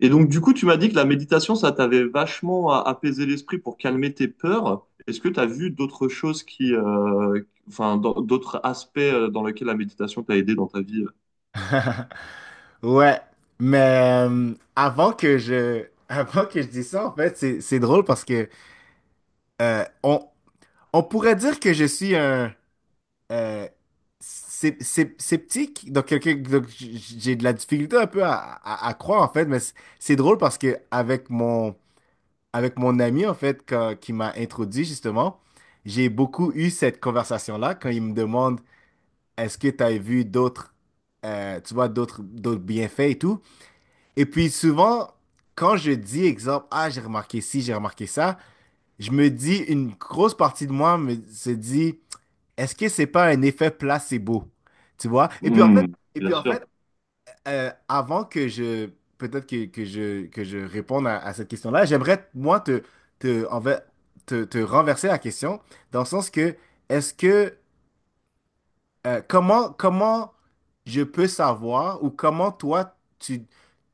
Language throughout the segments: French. Et donc, du coup, tu m'as dit que la méditation, ça t'avait vachement apaisé l'esprit pour calmer tes peurs. Est-ce que tu as vu d'autres choses qui, enfin, d'autres aspects dans lesquels la méditation t'a aidé dans ta vie? Ouais, mais avant que je avant que je dise ça, en fait, c'est drôle parce que euh, on on pourrait dire que je suis un euh, sceptique, donc quelqu'un donc j'ai de la difficulté un peu à, à croire en fait, mais c'est drôle parce que avec mon ami en fait qui m'a introduit justement, j'ai beaucoup eu cette conversation-là quand il me demande est-ce que tu as vu d'autres tu vois d'autres bienfaits et tout. Et puis souvent, quand je dis exemple, ah, j'ai remarqué ci, j'ai remarqué ça, je me dis, une grosse partie de se dit, est-ce que c'est pas un effet placebo? Tu vois? Hmm, Et bien puis en sûr. fait avant que je, peut-être que, que je réponde à cette question-là, j'aimerais, moi, te, en fait, te renverser la question, dans le sens que, est-ce que comment je peux savoir ou comment toi,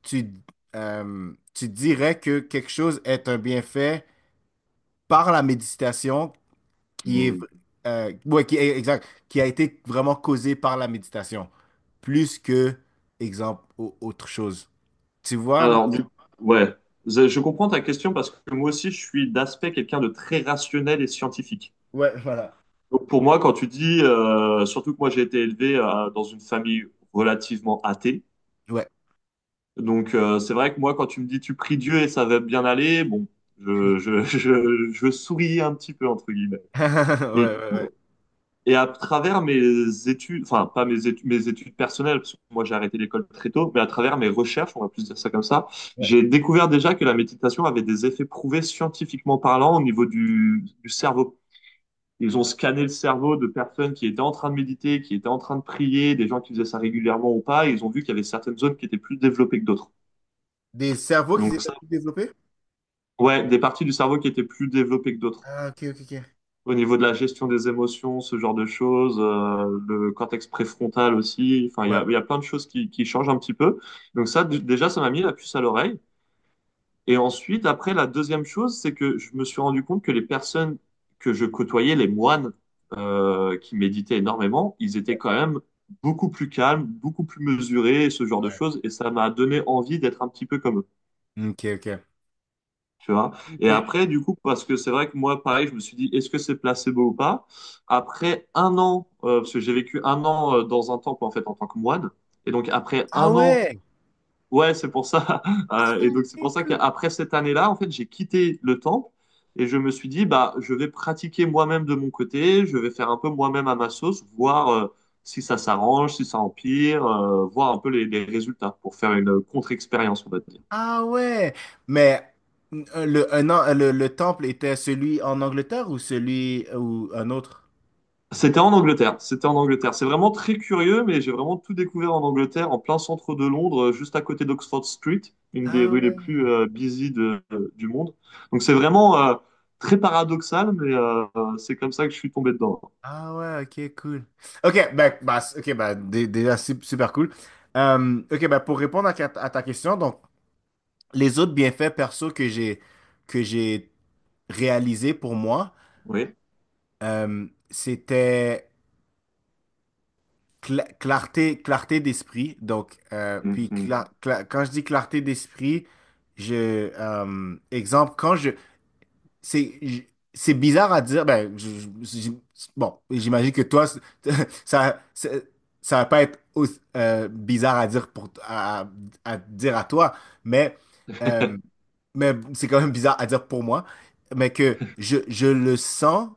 tu, tu dirais que quelque chose est un bienfait par la méditation qui est, Hmm. Exact, qui a été vraiment causé par la méditation, plus que, exemple, autre chose. Tu vois. Alors, du Ouais, je comprends ta question parce que moi aussi, je suis d'aspect quelqu'un de très rationnel et scientifique. Ouais, voilà. Donc, pour moi, quand tu dis, surtout que moi, j'ai été élevé dans une famille relativement athée. Ouais. Donc c'est vrai que moi, quand tu me dis tu pries Dieu et ça va bien aller, bon, je souris un petit peu, entre guillemets. Ouais, Et, du ouais, ouais. coup- et à travers mes études, enfin pas mes études, mes études personnelles, parce que moi j'ai arrêté l'école très tôt, mais à travers mes recherches, on va plus dire ça comme ça, Ouais. j'ai découvert déjà que la méditation avait des effets prouvés scientifiquement parlant au niveau du cerveau. Ils ont scanné le cerveau de personnes qui étaient en train de méditer, qui étaient en train de prier, des gens qui faisaient ça régulièrement ou pas, et ils ont vu qu'il y avait certaines zones qui étaient plus développées que d'autres. Des cerveaux qui Donc étaient ça. plus développés? Ouais, des parties du cerveau qui étaient plus développées que d'autres. Ah, ok, ok, ok. Au niveau de la gestion des émotions, ce genre de choses, le cortex préfrontal aussi. Enfin, Ouais. il y a plein de choses qui changent un petit peu. Donc ça, déjà, ça m'a mis la puce à l'oreille. Et ensuite, après, la deuxième chose, c'est que je me suis rendu compte que les personnes que je côtoyais, les moines, qui méditaient énormément, ils étaient quand même beaucoup plus calmes, beaucoup plus mesurés, et ce genre de Ouais. choses. Et ça m'a donné envie d'être un petit peu comme eux. Ok, ok. Tu vois? Et Ok. après, du coup, parce que c'est vrai que moi, pareil, je me suis dit, est-ce que c'est placebo ou pas? Après un an, parce que j'ai vécu un an dans un temple, en fait, en tant que moine. Et donc, après Ah un an, ouais! ouais, c'est pour ça. Et donc, c'est pour ça qu'après cette année-là, en fait, j'ai quitté le temple et je me suis dit, bah, je vais pratiquer moi-même de mon côté, je vais faire un peu moi-même à ma sauce, voir si ça s'arrange, si ça empire, voir un peu les résultats pour faire une contre-expérience, on va dire. Ah ouais, mais le, un an- le temple était celui en Angleterre ou celui ou un autre? C'était en Angleterre. C'était en Angleterre. C'est vraiment très curieux, mais j'ai vraiment tout découvert en Angleterre, en plein centre de Londres, juste à côté d'Oxford Street, une des Ah rues les ouais, plus busy du monde. Donc c'est vraiment très paradoxal, mais c'est comme ça que je suis tombé dedans. ah ouais, ok, cool. Ok, ben, bah, déjà super cool. Ok, ben, pour répondre à ta question, donc les autres bienfaits perso que j'ai réalisés pour moi, Oui. C'était clarté, clarté d'esprit. Donc, puis Mhm. Quand je dis clarté d'esprit, je, exemple, quand je- c'est bizarre à dire. Ben, je- je- bon, j'imagine que toi, ça, c'est- ça va pas être bizarre à dire à dire à toi, mais euh, mais c'est quand même bizarre à dire pour moi, mais que je le sens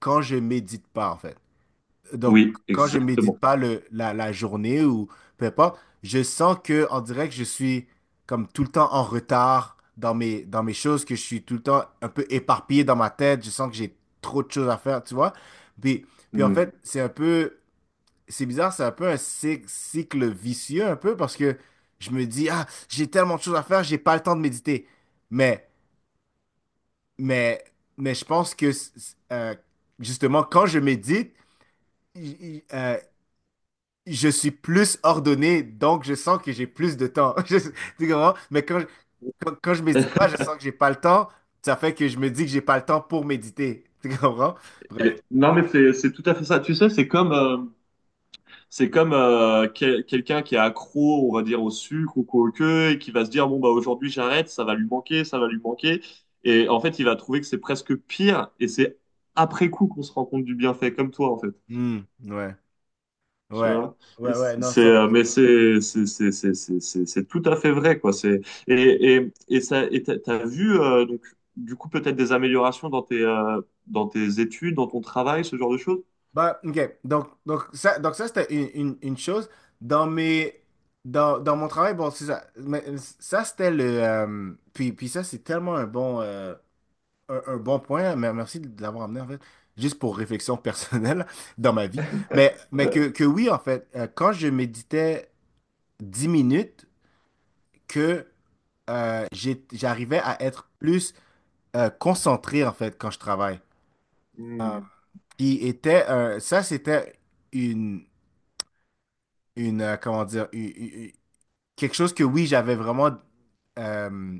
quand je médite pas en fait. Donc, Oui, quand je médite exactement. pas la journée ou peu importe, je sens que en direct, je suis comme tout le temps en retard dans mes choses, que je suis tout le temps un peu éparpillé dans ma tête. Je sens que j'ai trop de choses à faire, tu vois. Puis, puis en Mm. fait, c'est bizarre, c'est un peu un cycle vicieux, un peu, parce que je me dis, ah, j'ai tellement de choses à faire, j'ai pas le temps de méditer. Mais, mais, mais je pense que, justement, quand je médite, je suis plus ordonné, donc je sens que j'ai plus de temps. Tu comprends? Mais quand je médite pas, je sens que j'ai pas le temps. Ça fait que je me dis que j'ai pas le temps pour méditer. Tu comprends? Bref. Non, mais c'est tout à fait ça. Tu sais, c'est comme quelqu'un qui est accro, on va dire, au sucre ou quoi que, et qui va se dire, bon, bah, aujourd'hui, j'arrête, ça va lui manquer, ça va lui manquer. Et en fait, il va trouver que c'est presque pire, et c'est après coup qu'on se rend compte du bienfait, comme toi, en fait. Hmm, ouais. Tu Ouais. vois? Ouais, ouais, non, cent pour cent. Mais c'est tout à fait vrai, quoi. Et ça, t'as vu, donc, du coup, peut-être des améliorations dans tes études, dans ton travail, ce genre de choses? Bah, ok. Donc, donc ça c'était une chose. Dans mes, dans mon travail, bon, c'est ça. Mais ça c'était puis ça c'est tellement un bon point, mais merci de l'avoir amené en fait, juste pour réflexion personnelle dans ma vie. Mais Euh, que oui, en fait, quand je méditais 10 minutes, que j'arrivais à être plus concentré en fait quand je travaille. Euh, hmm. Ça c'était une, une comment dire, quelque chose que oui, j'avais vraiment, euh,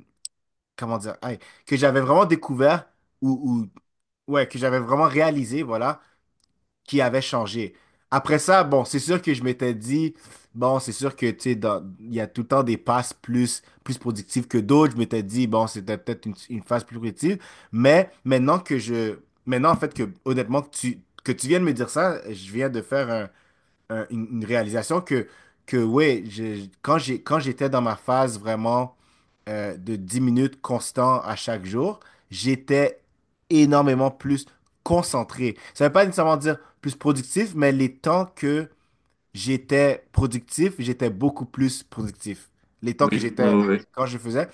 comment dire, hey, que j'avais vraiment découvert ou, ouais, que j'avais vraiment réalisé, voilà, qui avait changé. Après ça, bon, c'est sûr que je m'étais dit, bon, c'est sûr que, tu sais, il y a tout le temps des passes plus productives que d'autres. Je m'étais dit, bon, c'était peut-être une phase plus productive. Mais maintenant que je, maintenant, en fait, que, honnêtement, que tu viens de me dire ça, je viens de faire une réalisation que ouais, quand j'étais dans ma phase vraiment de 10 minutes constant à chaque jour, j'étais énormément plus concentré. Ça ne veut pas nécessairement dire plus productif, mais les temps que j'étais productif, j'étais beaucoup plus productif. Les temps que Oui, ouais, j'étais ouais, ouais. quand je faisais.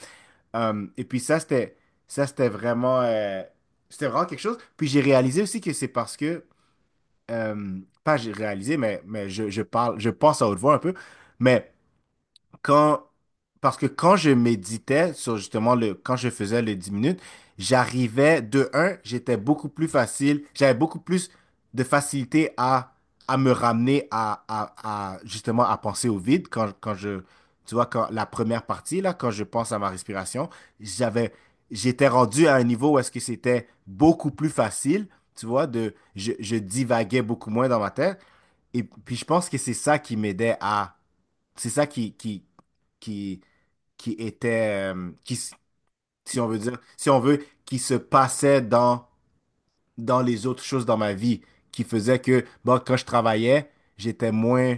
Et puis ça c'était vraiment quelque chose. Puis j'ai réalisé aussi que c'est parce que, euh, pas j'ai réalisé, mais je parle, je pense à haute voix un peu, mais quand, parce que quand je méditais sur justement quand je faisais les 10 minutes, j'arrivais de un, j'étais beaucoup plus facile, j'avais beaucoup plus de facilité à me ramener à, justement à penser au vide quand je, tu vois, quand la première partie, là, quand je pense à ma respiration, j'avais, j'étais rendu à un niveau où est-ce que c'était beaucoup plus facile, tu vois, je divaguais beaucoup moins dans ma tête. Et puis je pense que c'est ça qui, qui était, si on veut dire, si on veut, qui se passait dans les autres choses dans ma vie, qui faisait que, bon, quand je travaillais, j'étais moins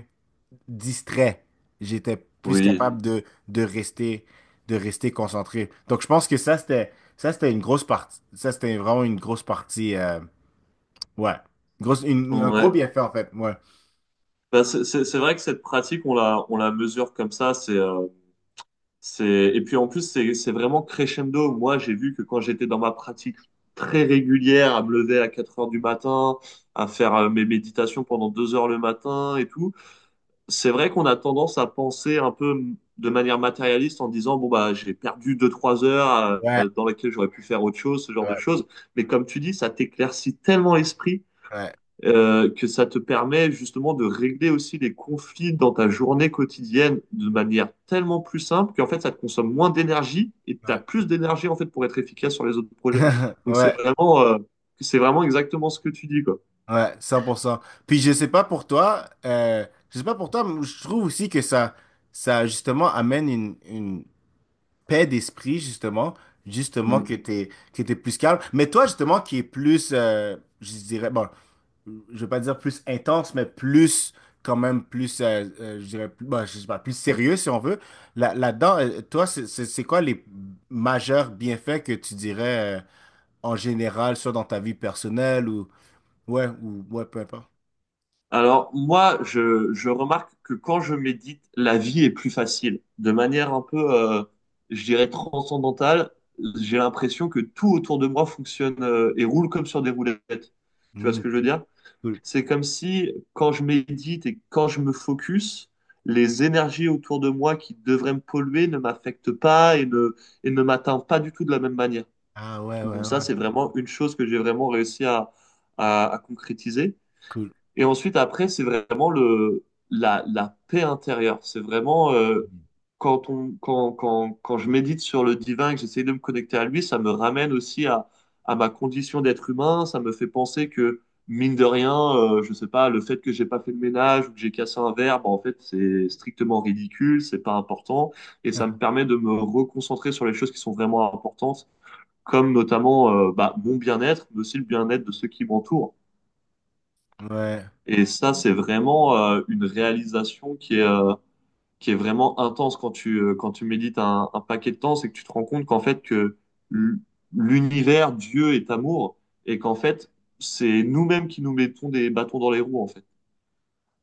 distrait, j'étais plus Oui. capable de rester concentré. Donc, je pense que ça c'était une grosse partie, ça c'était vraiment une grosse partie, ouais, un gros Ouais. bienfait, en fait, ouais. Bah, c'est vrai que cette pratique, on la mesure comme ça. C'est, et puis en plus, c'est vraiment crescendo. Moi, j'ai vu que quand j'étais dans ma pratique très régulière, à me lever à 4 heures du matin, à faire mes méditations pendant 2 heures le matin et tout, c'est vrai qu'on a tendance à penser un peu de manière matérialiste en disant, bon, bah, j'ai perdu 2, 3 heures Ouais, dans lesquelles j'aurais pu faire autre chose, ce genre de ouais, choses. Mais comme tu dis, ça t'éclaircit tellement l'esprit ouais, que ça te permet justement de régler aussi les conflits dans ta journée quotidienne de manière tellement plus simple qu'en fait ça te consomme moins d'énergie et tu as ouais. plus d'énergie en fait pour être efficace sur les autres projets. Donc Ouais. C'est vraiment exactement ce que tu dis quoi. Ouais, 100%. Puis je sais pas pour toi, mais je trouve aussi que ça justement amène une paix d'esprit, justement Mhm. que que t'es plus calme. Mais toi, justement, qui est plus, je dirais, bon, je veux pas dire plus intense, mais plus, quand même, plus, je dirais, plus, bon, je sais pas, plus sérieux, si on veut. Là, là-dedans, toi, c'est quoi les majeurs bienfaits que tu dirais, en général, soit dans ta vie personnelle. Ouais, ou ouais, peu importe. Alors moi je remarque que quand je médite, la vie est plus facile, de manière un peu, je dirais transcendantale. J'ai l'impression que tout autour de moi fonctionne et roule comme sur des roulettes. Tu vois ce Hmm, que je veux cool, dire? cool. C'est comme si, quand je médite et quand je me focus, les énergies autour de moi qui devraient me polluer ne m'affectent pas et ne, et ne m'atteignent pas du tout de la même manière. Ah ouais, ouais, Donc ça, ouais, c'est vraiment une chose que j'ai vraiment réussi à, à concrétiser. cool. Et ensuite, après, c'est vraiment le, la paix intérieure. C'est vraiment quand on, quand je médite sur le divin et que j'essaie de me connecter à lui, ça me ramène aussi à ma condition d'être humain. Ça me fait penser que, mine de rien, je sais pas, le fait que j'ai pas fait le ménage ou que j'ai cassé un verre, bah, en fait, c'est strictement ridicule, c'est pas important. Et ça me permet de me reconcentrer sur les choses qui sont vraiment importantes, comme notamment bah, mon bien-être, mais aussi le bien-être de ceux qui m'entourent. Ouais, Et ça, c'est vraiment une réalisation qui est vraiment intense quand tu médites un paquet de temps, c'est que tu te rends compte qu'en fait, que l- l'univers, Dieu est amour, et qu'en fait, c'est nous-mêmes qui nous mettons des bâtons dans les roues, en fait.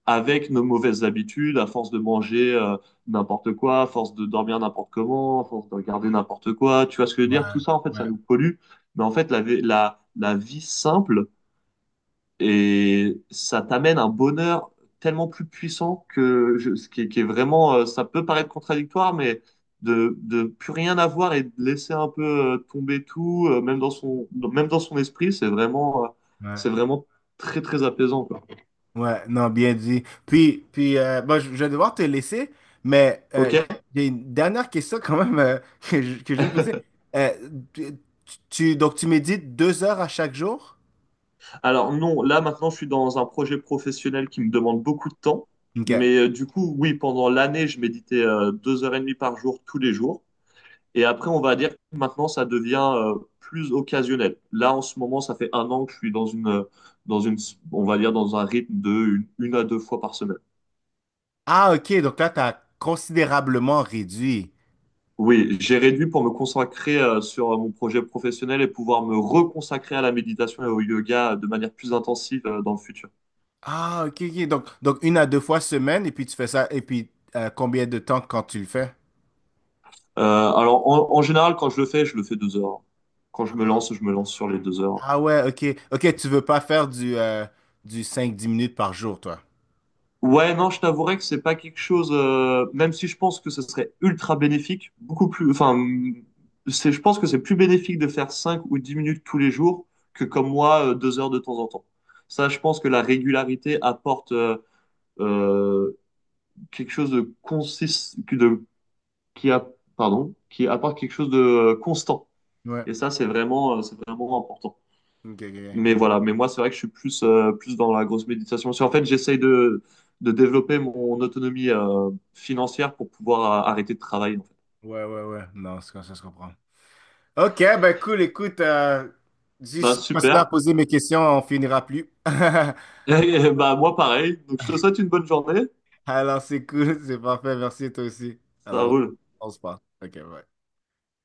Avec nos mauvaises habitudes, à force de manger n'importe quoi, à force de dormir n'importe comment, à force de regarder n'importe quoi, tu vois ce que je veux dire? ouais, Tout ça, en fait, ouais, ça nous pollue. Mais en fait, la, la vie simple, et ça t'amène un bonheur tellement plus puissant que ce qui est vraiment, ça peut paraître contradictoire, mais de plus rien avoir et de laisser un peu tomber tout, même même dans son esprit, ouais. c'est vraiment très, très apaisant, quoi. Ouais, non, bien dit. Puis bon, je vais devoir te laisser, mais OK? j'ai une dernière question quand même que que je vais te poser. Euh, tu, donc, tu médites 2 heures à chaque jour? Alors non, là maintenant, je suis dans un projet professionnel qui me demande beaucoup de temps, OK. mais du coup, oui, pendant l'année, je méditais 2 heures et demie par jour, tous les jours. Et après, on va dire que maintenant, ça devient plus occasionnel. Là, en ce moment, ça fait un an que je suis dans une, on va dire dans un rythme de une à deux fois par semaine. Ah, OK, donc là, tu as considérablement réduit. Oui, j'ai réduit pour me consacrer sur mon projet professionnel et pouvoir me reconsacrer à la méditation et au yoga de manière plus intensive dans le futur. Ah, OK, OK. Donc, une à deux fois semaine, et puis tu fais ça, et puis combien de temps quand tu le fais? Alors, en général, quand je le fais 2 heures. Quand je me lance sur les 2 heures. Ah ouais, ok. Ok, tu veux pas faire du 5 à 10 minutes par jour, toi. Ouais, non, je t'avouerais que c'est pas quelque chose, même si je pense que ce serait ultra bénéfique, beaucoup plus, enfin, c'est, je pense que c'est plus bénéfique de faire 5 ou 10 minutes tous les jours que comme moi, 2 heures de temps en temps. Ça, je pense que la régularité apporte euh, quelque chose de consist, que de, qui a, pardon, qui apporte quelque chose de constant. Ouais. Et ça, c'est vraiment important. Ok, ok, Mais ok. voilà, mais moi, c'est vrai que je suis plus, plus dans la grosse méditation. C'est en fait, j'essaye de développer mon autonomie financière pour pouvoir arrêter de travailler, en fait. Ouais, ouais, ouais. Non, c'est comme ça, se comprend. Ok, ben cool, écoute. Bah, Si je continue à super. poser mes questions, on finira plus. Et, bah, moi, pareil. Donc, je te souhaite une bonne journée. Alors, c'est cool, c'est parfait. Merci, toi aussi. Ça Alors, roule. On se parle. Ok, bye.